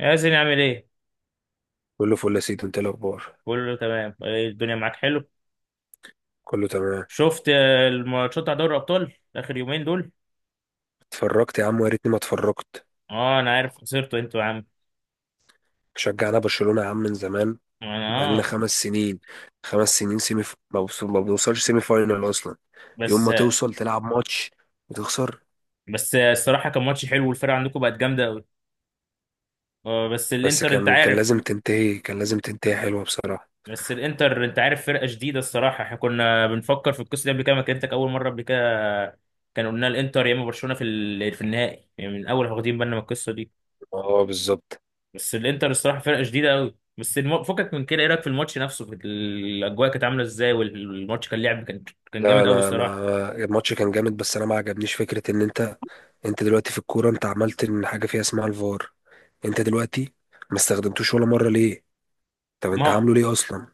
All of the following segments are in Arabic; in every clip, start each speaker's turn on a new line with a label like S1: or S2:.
S1: ياسين عامل ايه؟
S2: كله فل يا سيدي. انت ايه الاخبار؟
S1: كله تمام، إيه الدنيا معاك حلو؟
S2: كله تمام.
S1: شفت، آه، الماتشات بتاع دوري الابطال اخر يومين دول؟
S2: اتفرجت يا عم، ويا ريتني ما اتفرجت.
S1: اه انا عارف خسرتوا انتوا يا عم.
S2: شجعنا برشلونة يا عم من زمان.
S1: انا
S2: بقالنا
S1: اه،
S2: خمس سنين. خمس سنين ما بنوصلش سيمي فاينال اصلا. يوم
S1: بس
S2: ما توصل تلعب ماتش وتخسر.
S1: بس الصراحه كان ماتش حلو والفرقه عندكم بقت جامده قوي. اه بس
S2: بس
S1: الانتر انت
S2: كان
S1: عارف.
S2: لازم تنتهي كان لازم تنتهي حلوة بصراحة.
S1: بس الانتر انت عارف فرقه جديده الصراحه، احنا كنا بنفكر في القصه دي قبل كده، ما كنتك اول مره قبل كده. كان قلنا الانتر يا اما برشلونه في في النهائي، يعني من الاول واخدين بالنا من القصه دي.
S2: اه بالظبط.
S1: بس الانتر الصراحه فرقه شديده قوي. بس فكك من كده، ايه رايك في الماتش نفسه؟ في الاجواء كانت عامله ازاي والماتش كان لعب كان، كان
S2: لا،
S1: جامد قوي
S2: انا
S1: الصراحه.
S2: ما الماتش كان جامد، بس انا ما عجبنيش فكرة ان انت دلوقتي في الكورة. انت عملت ان حاجة فيها اسمها الفار، انت دلوقتي ما استخدمتوش ولا مرة، ليه؟ طب
S1: ما
S2: انت
S1: هو
S2: عامله ليه اصلا؟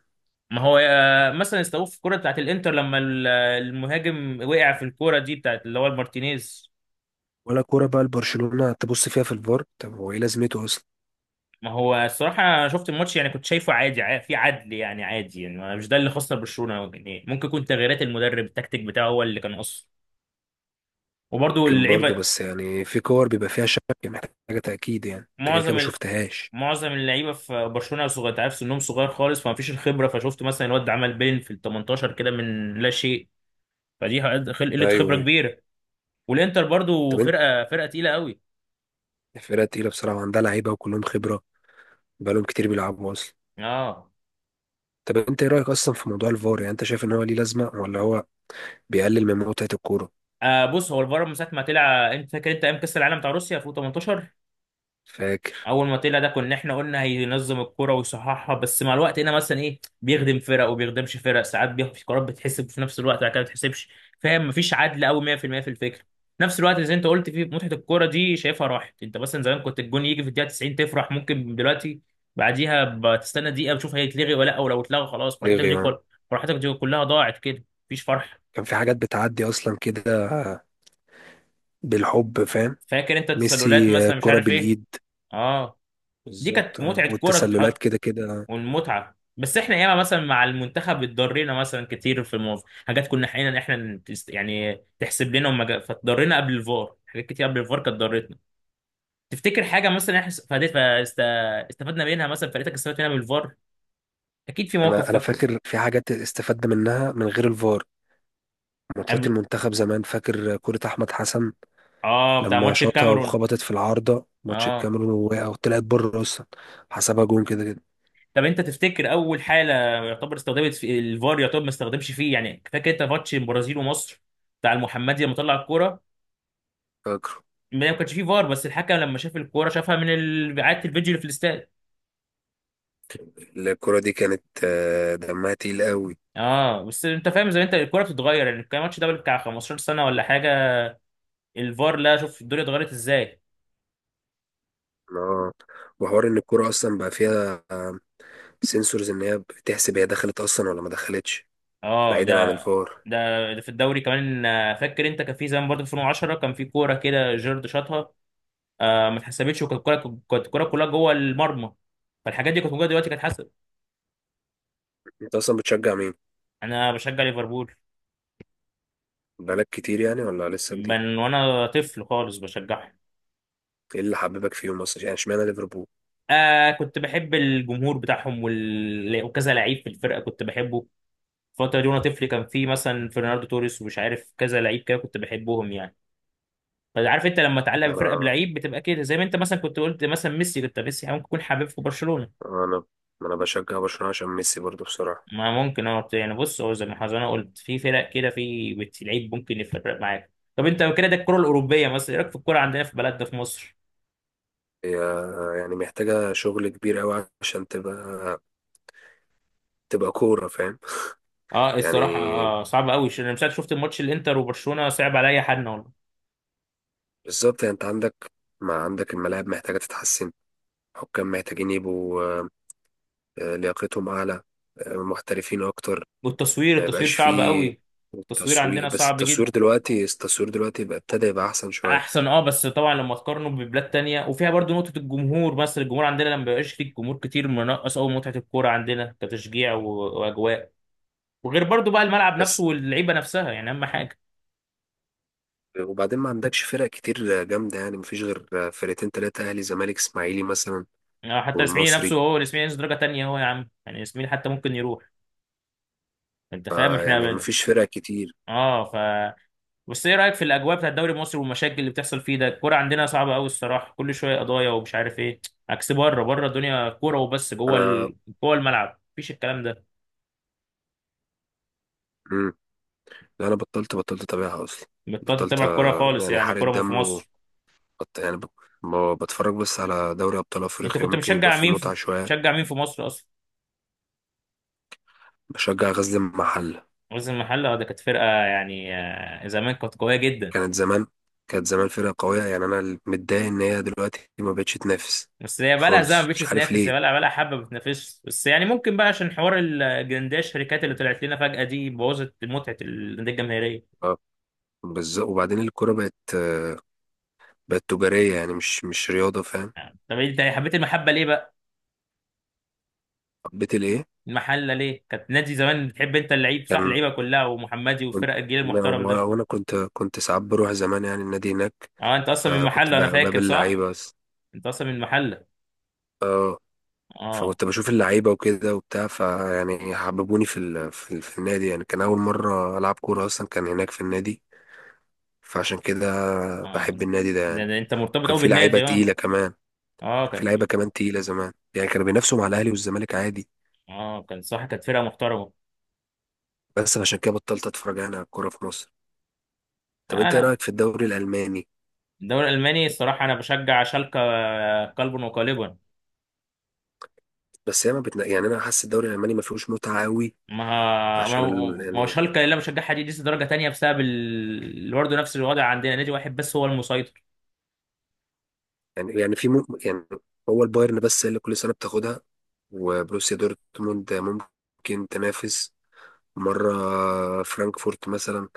S1: ما هو مثلا استوقف في الكوره بتاعت الانتر لما المهاجم وقع في الكوره دي بتاعت اللي هو المارتينيز.
S2: ولا كورة بقى لبرشلونة تبص فيها في الفار، طب هو ايه لازمته اصلا؟
S1: ما هو الصراحه أنا شفت الماتش، يعني كنت شايفه عادي، في عدل يعني عادي، يعني مش ده اللي خسر برشلونه. يعني ممكن يكون تغييرات المدرب، التكتيك بتاعه هو اللي كان قصه، وبرده
S2: ممكن برضه،
S1: اللعيبه.
S2: بس يعني في كور بيبقى فيها شك محتاجة تأكيد، يعني انت كده كده ما
S1: معظم
S2: شفتهاش.
S1: معظم اللعيبه في برشلونه صغير، تعرف سنهم صغير خالص، فمفيش الخبره. فشفت مثلا الواد ده عمل بين في ال 18 كده من لا شيء. فدي قله
S2: ايوه
S1: خبره
S2: ايوه.
S1: كبيره. والانتر برضو
S2: طب انت،
S1: فرقه تقيله قوي.
S2: الفرقة تقيلة بصراحة وعندها لعيبة وكلهم خبرة، بقالهم كتير بيلعبوا اصلا.
S1: اه.
S2: طب انت ايه رأيك اصلا في موضوع الفار؟ يعني انت شايف ان هو ليه لازمة، ولا هو بيقلل من متعة الكورة؟
S1: آه، بص، هو الفار من ساعه ما طلع، انت فاكر انت ايام كاس العالم بتاع روسيا في 18،
S2: فاكر
S1: اول ما طلع ده كنا احنا قلنا هينظم الكرة ويصححها. بس مع الوقت هنا مثلا ايه، بيخدم فرق وبيخدمش فرق، ساعات بياخد في قرارات بتحسب في نفس الوقت بعد كده ما بتحسبش، فاهم؟ مفيش عدل قوي 100% في المية في الفكره. في نفس الوقت زي انت قلت، في متعه الكوره دي شايفها راحت. انت مثلا زمان كنت الجون يجي في الدقيقه 90 تفرح، ممكن دلوقتي بعديها بتستنى دقيقه بتشوف هيتلغي ولا لا، ولو اتلغى خلاص
S2: ليه اه.
S1: فرحتك دي كلها ضاعت، كده مفيش فرحه.
S2: كان في حاجات بتعدي اصلا كده بالحب، فاهم؟
S1: فاكر انت التسللات
S2: ميسي
S1: مثلا، مش
S2: كرة
S1: عارف ايه.
S2: بالإيد،
S1: اه، دي كانت
S2: بالظبط اه.
S1: متعه كوره
S2: والتسللات
S1: تتحط.
S2: كده كده آه.
S1: والمتعه، بس احنا ياما مثلا مع المنتخب اتضرينا مثلا كتير في الموضوع، حاجات كنا حقيقة احنا يعني تحسب لنا وما جا- فاتضرينا قبل الفار. حاجات كتير قبل الفار كانت ضرتنا. تفتكر حاجه مثلا احنا استفدنا منها؟ مثلا فرقتك استفادت منها من الفار؟ اكيد في موقف
S2: انا
S1: فاكره.
S2: فاكر في حاجات استفدنا منها من غير الفار. ماتشات
S1: قبل،
S2: المنتخب زمان، فاكر كرة احمد حسن
S1: اه، بتاع
S2: لما
S1: ماتش
S2: شاطها
S1: الكاميرون.
S2: وخبطت في العارضة، ماتش
S1: اه،
S2: الكاميرون، ووقع وطلعت بره اصلا، حسبها جون كده كده.
S1: طب انت تفتكر اول حاله يعتبر استخدمت في الفار، يعتبر ما استخدمش فيه؟ يعني فاكر انت ماتش البرازيل ومصر بتاع المحمدي لما طلع الكوره؟
S2: فاكره.
S1: ما كانش فيه فار، بس الحكم لما شاف الكوره شافها من اعاده الفيديو اللي في الاستاد.
S2: الكرة دي كانت دمها تقيل قوي.
S1: اه، بس انت فاهم زي ما انت الكوره بتتغير. يعني كان الماتش ده بتاع 15 سنه ولا حاجه، الفار لا، شوف الدنيا اتغيرت ازاي.
S2: اه. وحوار ان الكرة اصلا بقى فيها سنسورز، ان هي بتحسب هي دخلت اصلا ولا ما دخلتش،
S1: اه. ده
S2: بعيدا عن الفار.
S1: ده ده في الدوري كمان، آه، فاكر انت كان في زمان برضه 2010 كان في كوره كده جيرد شاطها، آه، ما اتحسبتش، وكانت الكوره، كانت الكوره كلها جوه المرمى. فالحاجات دي كانت موجوده دلوقتي كانت حسب.
S2: انت اصلا بتشجع مين؟
S1: انا بشجع ليفربول.
S2: بقالك كتير يعني، ولا لسه جديد؟
S1: من وانا طفل خالص بشجعها.
S2: ايه اللي حببك فيهم اصلا؟ يعني اشمعنى ليفربول؟
S1: آه، كنت بحب الجمهور بتاعهم وال... وكذا لعيب في الفرقه كنت بحبه. الفتره دي وانا طفل كان في مثلا فرناردو توريس ومش عارف كذا لعيب كده كنت بحبهم يعني. فعارف انت لما تعلق بفرقه
S2: انا
S1: بلعيب بتبقى كده، زي ما انت مثلا كنت قلت مثلا ميسي، كنت ميسي يعني ممكن يكون حبيب في برشلونه.
S2: انا انا بشجع برشلونة عشان ميسي برضو بصراحة.
S1: ما ممكن اه، يعني بص، هو زي ما حضرتك انا قلت في فرق كده، في لعيب ممكن يفرق معاك. طب انت كده ده الكره الاوروبيه، مثلا ايه رايك في الكره عندنا في بلدنا في مصر؟
S2: هي يعني محتاجة شغل كبير قوي عشان تبقى، تبقى كورة فاهم
S1: اه الصراحه،
S2: يعني.
S1: آه، صعب قوي، انا مش عارف، شفت الماتش الانتر وبرشلونه، صعب عليا حد.
S2: بالظبط، يعني انت عندك، ما عندك الملاعب محتاجة تتحسن، حكام محتاجين يبقوا لياقتهم أعلى، محترفين أكتر،
S1: والتصوير،
S2: ما
S1: التصوير
S2: يبقاش
S1: صعب
S2: فيه
S1: قوي. التصوير
S2: تسويق.
S1: عندنا
S2: بس
S1: صعب
S2: التصوير
S1: جدا.
S2: دلوقتي، التصوير دلوقتي بقى ابتدى يبقى أحسن شوية.
S1: احسن، اه، بس طبعا لما تقارنه ببلاد تانية، وفيها برضو نقطة الجمهور. مثلا الجمهور عندنا لما بيبقاش فيه جمهور كتير منقص قوي متعة الكورة عندنا، كتشجيع واجواء. وغير برضو بقى الملعب نفسه
S2: بس
S1: واللعيبة نفسها، يعني اهم حاجة.
S2: وبعدين ما عندكش فرق كتير جامدة، يعني مفيش غير فرقتين تلاتة، أهلي زمالك إسماعيلي مثلا
S1: يعني حتى الاسماعيلي نفسه،
S2: والمصري.
S1: هو الاسماعيلي نفسه درجة تانية، هو يا عم، يعني الاسماعيلي حتى ممكن يروح. انت فاهم احنا
S2: يعني
S1: بل...
S2: مفيش فرق كتير.
S1: اه، بس ايه رايك في الاجواء بتاعت الدوري المصري والمشاكل اللي بتحصل فيه ده؟ الكوره عندنا صعبه قوي الصراحه، كل شويه قضايا ومش عارف ايه. عكس بره، بره الدنيا كوره وبس، جوه
S2: انا
S1: ال... جوه الملعب مفيش الكلام ده.
S2: مم. لا، انا بطلت اتابعها اصلا.
S1: بطلت
S2: بطلت
S1: تتابع الكوره خالص
S2: يعني
S1: يعني،
S2: حرق
S1: كوره في
S2: الدم
S1: مصر؟
S2: يعني بتفرج بس على دوري ابطال
S1: انت
S2: افريقيا،
S1: كنت
S2: ممكن يبقى
S1: بتشجع
S2: فيه
S1: مين في،
S2: متعة شوية.
S1: بتشجع مين في مصر اصلا؟
S2: بشجع غزل المحلة.
S1: غزل المحله، آه، ده كانت فرقه يعني، آه، زمان كانت قويه جدا.
S2: كانت زمان، كانت زمان فرقة قوية، يعني انا متضايق ان هي دلوقتي ما بقتش تنافس
S1: بس هي بقى لها زمن
S2: خالص،
S1: مش
S2: مش عارف
S1: تنافس، هي بقى
S2: ليه.
S1: لها بقى لها حبه بتنافس. بس يعني ممكن بقى عشان حوار الجنداش، الشركات اللي طلعت لنا فجاه دي بوظت متعه الانديه الجماهيريه.
S2: اه بالظبط. وبعدين الكرة بقت بقت تجارية، يعني مش رياضة، فاهم.
S1: طب انت حبيت المحبه ليه بقى؟
S2: حبيت الايه؟
S1: المحله ليه كانت نادي زمان، بتحب انت اللعيب صح؟
S2: كان
S1: اللعيبه كلها، ومحمدي،
S2: كنت
S1: والفرق، الجيل
S2: الله
S1: المحترم
S2: ينور.
S1: ده.
S2: وانا كنت ساعات بروح زمان يعني النادي هناك.
S1: اه، انت اصلا من
S2: فكنت
S1: المحله انا فاكر
S2: بقابل
S1: صح؟
S2: لعيبه بس.
S1: انت اصلا من المحله.
S2: اه.
S1: اه.
S2: فكنت بشوف اللعيبه وكده وبتاع، فيعني حببوني في النادي، يعني كان اول مره العب كوره اصلا كان هناك في النادي، فعشان كده بحب
S1: اه.
S2: النادي ده يعني.
S1: ده انت مرتبط
S2: وكان
S1: قوي
S2: في لعيبه
S1: بالنادي اه.
S2: تقيله كمان.
S1: اه
S2: كان في
S1: كان
S2: لعيبه
S1: في.
S2: كمان تقيله زمان، يعني كانوا بينافسوا مع الاهلي والزمالك عادي.
S1: اه كان صح، كانت فرقه محترمه.
S2: بس عشان كده بطلت اتفرج يعني على الكوره في مصر. طب انت ايه
S1: انا
S2: رايك في الدوري الالماني؟
S1: الدوري الالماني الصراحه انا بشجع شالكه، آه، قلبا وقالبا.
S2: بس هي ما بتنا... يعني انا حاسس الدوري الالماني ما فيهوش متعه قوي،
S1: ما ما
S2: عشان
S1: ما هو
S2: يعني،
S1: شالكه اللي انا بشجعها دي لسه درجه تانية بسبب ال... برضه نفس الوضع عندنا، نادي واحد بس هو المسيطر.
S2: يعني في مم يعني، هو البايرن بس هي اللي كل سنة بتاخدها، وبروسيا دورتموند ممكن تنافس مرة، فرانكفورت مثلا،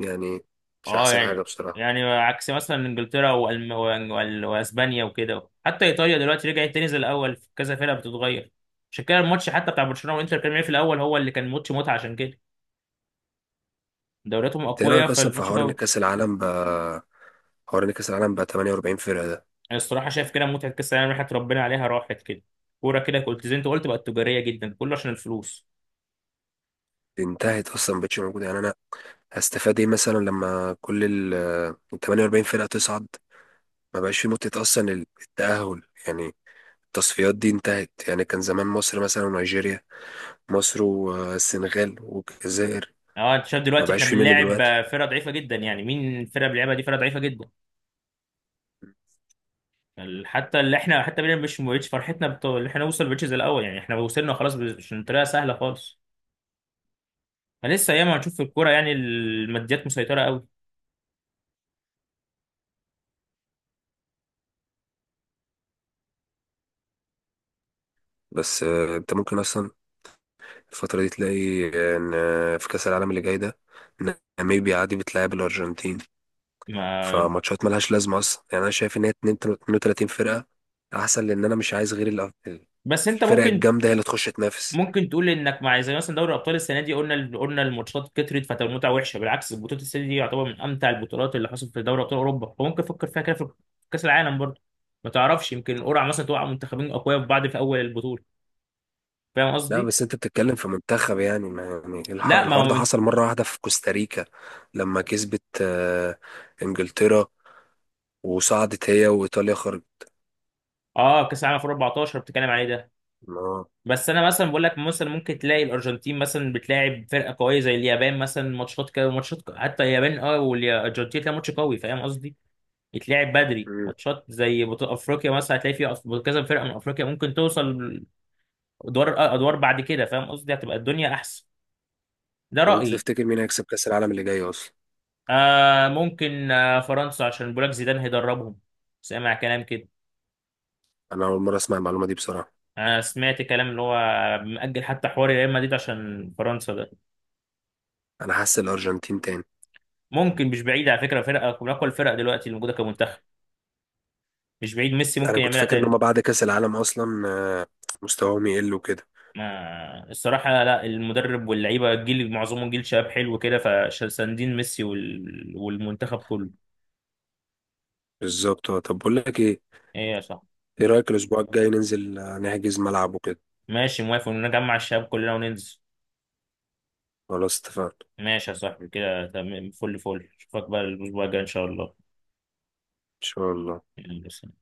S2: يعني مش
S1: اه،
S2: أحسن حاجة
S1: يعني،
S2: بصراحة.
S1: يعني عكس مثلا انجلترا واسبانيا وكده، حتى ايطاليا دلوقتي رجعت تاني زي الاول، في كذا فرقه بتتغير. عشان كده الماتش حتى بتاع برشلونه وانتر كان في الاول هو اللي كان ماتش متعه، عشان كده دورياتهم
S2: أنت إيه
S1: اقوياء
S2: رأيك أصلا في
S1: فالماتش
S2: حوار إن
S1: قوي.
S2: كأس العالم بقى، حوار إن كأس العالم بقى 48 فرقة ده؟
S1: أنا الصراحه شايف كده متعه كاس العالم راحت، ربنا عليها راحت كده. كوره كده كنت زي انت قلت بقت تجاريه جدا، كله عشان الفلوس.
S2: انتهت أصلا، مبقتش موجودة. يعني أنا هستفاد إيه مثلا لما كل ال 48 فرقة تصعد؟ ما بقاش في متعة أصلا، التأهل يعني، التصفيات دي انتهت. يعني كان زمان مصر مثلا ونيجيريا، مصر والسنغال والجزائر،
S1: اه انت شايف
S2: ما
S1: دلوقتي
S2: بقاش
S1: احنا
S2: في منه
S1: بنلاعب،
S2: دلوقتي.
S1: آه، فرقه ضعيفه جدا، يعني مين الفرقه اللي بنلعبها دي، فرقه ضعيفه جدا. حتى اللي احنا، حتى بينا مش، اللي احنا نوصل بيتش زي الاول، يعني احنا وصلنا خلاص مش طريقه سهله خالص. فلسه ياما هنشوف في الكوره يعني، الماديات مسيطره قوي.
S2: بس انت ممكن اصلا الفترة دي تلاقي ان في كأس العالم اللي جاي ده ناميبيا عادي بتلعب الارجنتين،
S1: ما،
S2: فماتشات ملهاش لازمة اصلا. يعني انا شايف ان هي 32 فرقة احسن، لان انا مش عايز غير
S1: بس انت
S2: الفرق
S1: ممكن،
S2: الجامدة هي اللي تخش تنافس.
S1: ممكن تقول انك مع، زي مثلا دوري الابطال السنه دي قلنا، قلنا الماتشات كترت فتبقى المتعه وحشه، بالعكس البطوله السنه دي يعتبر من امتع البطولات اللي حصلت في دوري ابطال اوروبا. فممكن تفكر فيها كده في كاس العالم برضه، ما تعرفش يمكن قرعه مثلا توقع منتخبين اقوياء في بعض في اول البطوله. فاهم
S2: لا
S1: قصدي؟
S2: بس انت بتتكلم في منتخب، يعني يعني
S1: لا ما
S2: الحوار
S1: هو
S2: ده حصل مرة واحدة في كوستاريكا لما كسبت انجلترا وصعدت هي وايطاليا،
S1: اه، كاس العالم في 14 بتتكلم عليه ده.
S2: خرجت.
S1: بس انا مثلا بقول لك مثلا ممكن تلاقي الارجنتين مثلا بتلاعب فرقه قويه زي اليابان مثلا، ماتشات كده، حتى اليابان اه والارجنتين تلاقي ماتش قوي، فاهم قصدي؟ يتلعب بدري
S2: مم.
S1: ماتشات زي بطوله افريقيا مثلا، هتلاقي فيها كذا فرقه من افريقيا ممكن توصل ادوار بعد كده. فاهم قصدي؟ هتبقى الدنيا احسن. ده
S2: طب انت
S1: رايي.
S2: تفتكر مين هيكسب كأس العالم اللي جاي اصلا؟
S1: آه، ممكن، آه، فرنسا عشان بولاك زيدان هيدربهم، سامع كلام كده.
S2: انا اول مرة اسمع المعلومة دي بصراحة.
S1: انا سمعت كلام اللي هو، مأجل حتى حوار ريال مدريد عشان فرنسا ده.
S2: انا حاسس الارجنتين تاني.
S1: ممكن، مش بعيد على فكره، فرقه من اقوى الفرق دلوقتي اللي موجوده كمنتخب. مش بعيد ميسي ممكن
S2: انا كنت
S1: يعملها
S2: فاكر ان
S1: تاني.
S2: هما بعد كأس العالم اصلا مستواهم يقل وكده.
S1: ما الصراحه لا، المدرب واللعيبه، الجيل معظمهم جيل شباب حلو كده، فساندين ميسي وال... والمنتخب كله.
S2: بالظبط اه. طب بقول لك ايه،
S1: ايه يا صاحبي؟
S2: ايه رأيك الاسبوع الجاي ننزل نحجز ملعب وكده؟
S1: ماشي موافق ان نجمع الشباب كلنا وننزل.
S2: خلاص اتفقنا،
S1: ماشي يا صاحبي كده تمام، فل فل، اشوفك بقى الاسبوع الجاي ان شاء الله.
S2: ان شاء الله.
S1: يلا، سلام.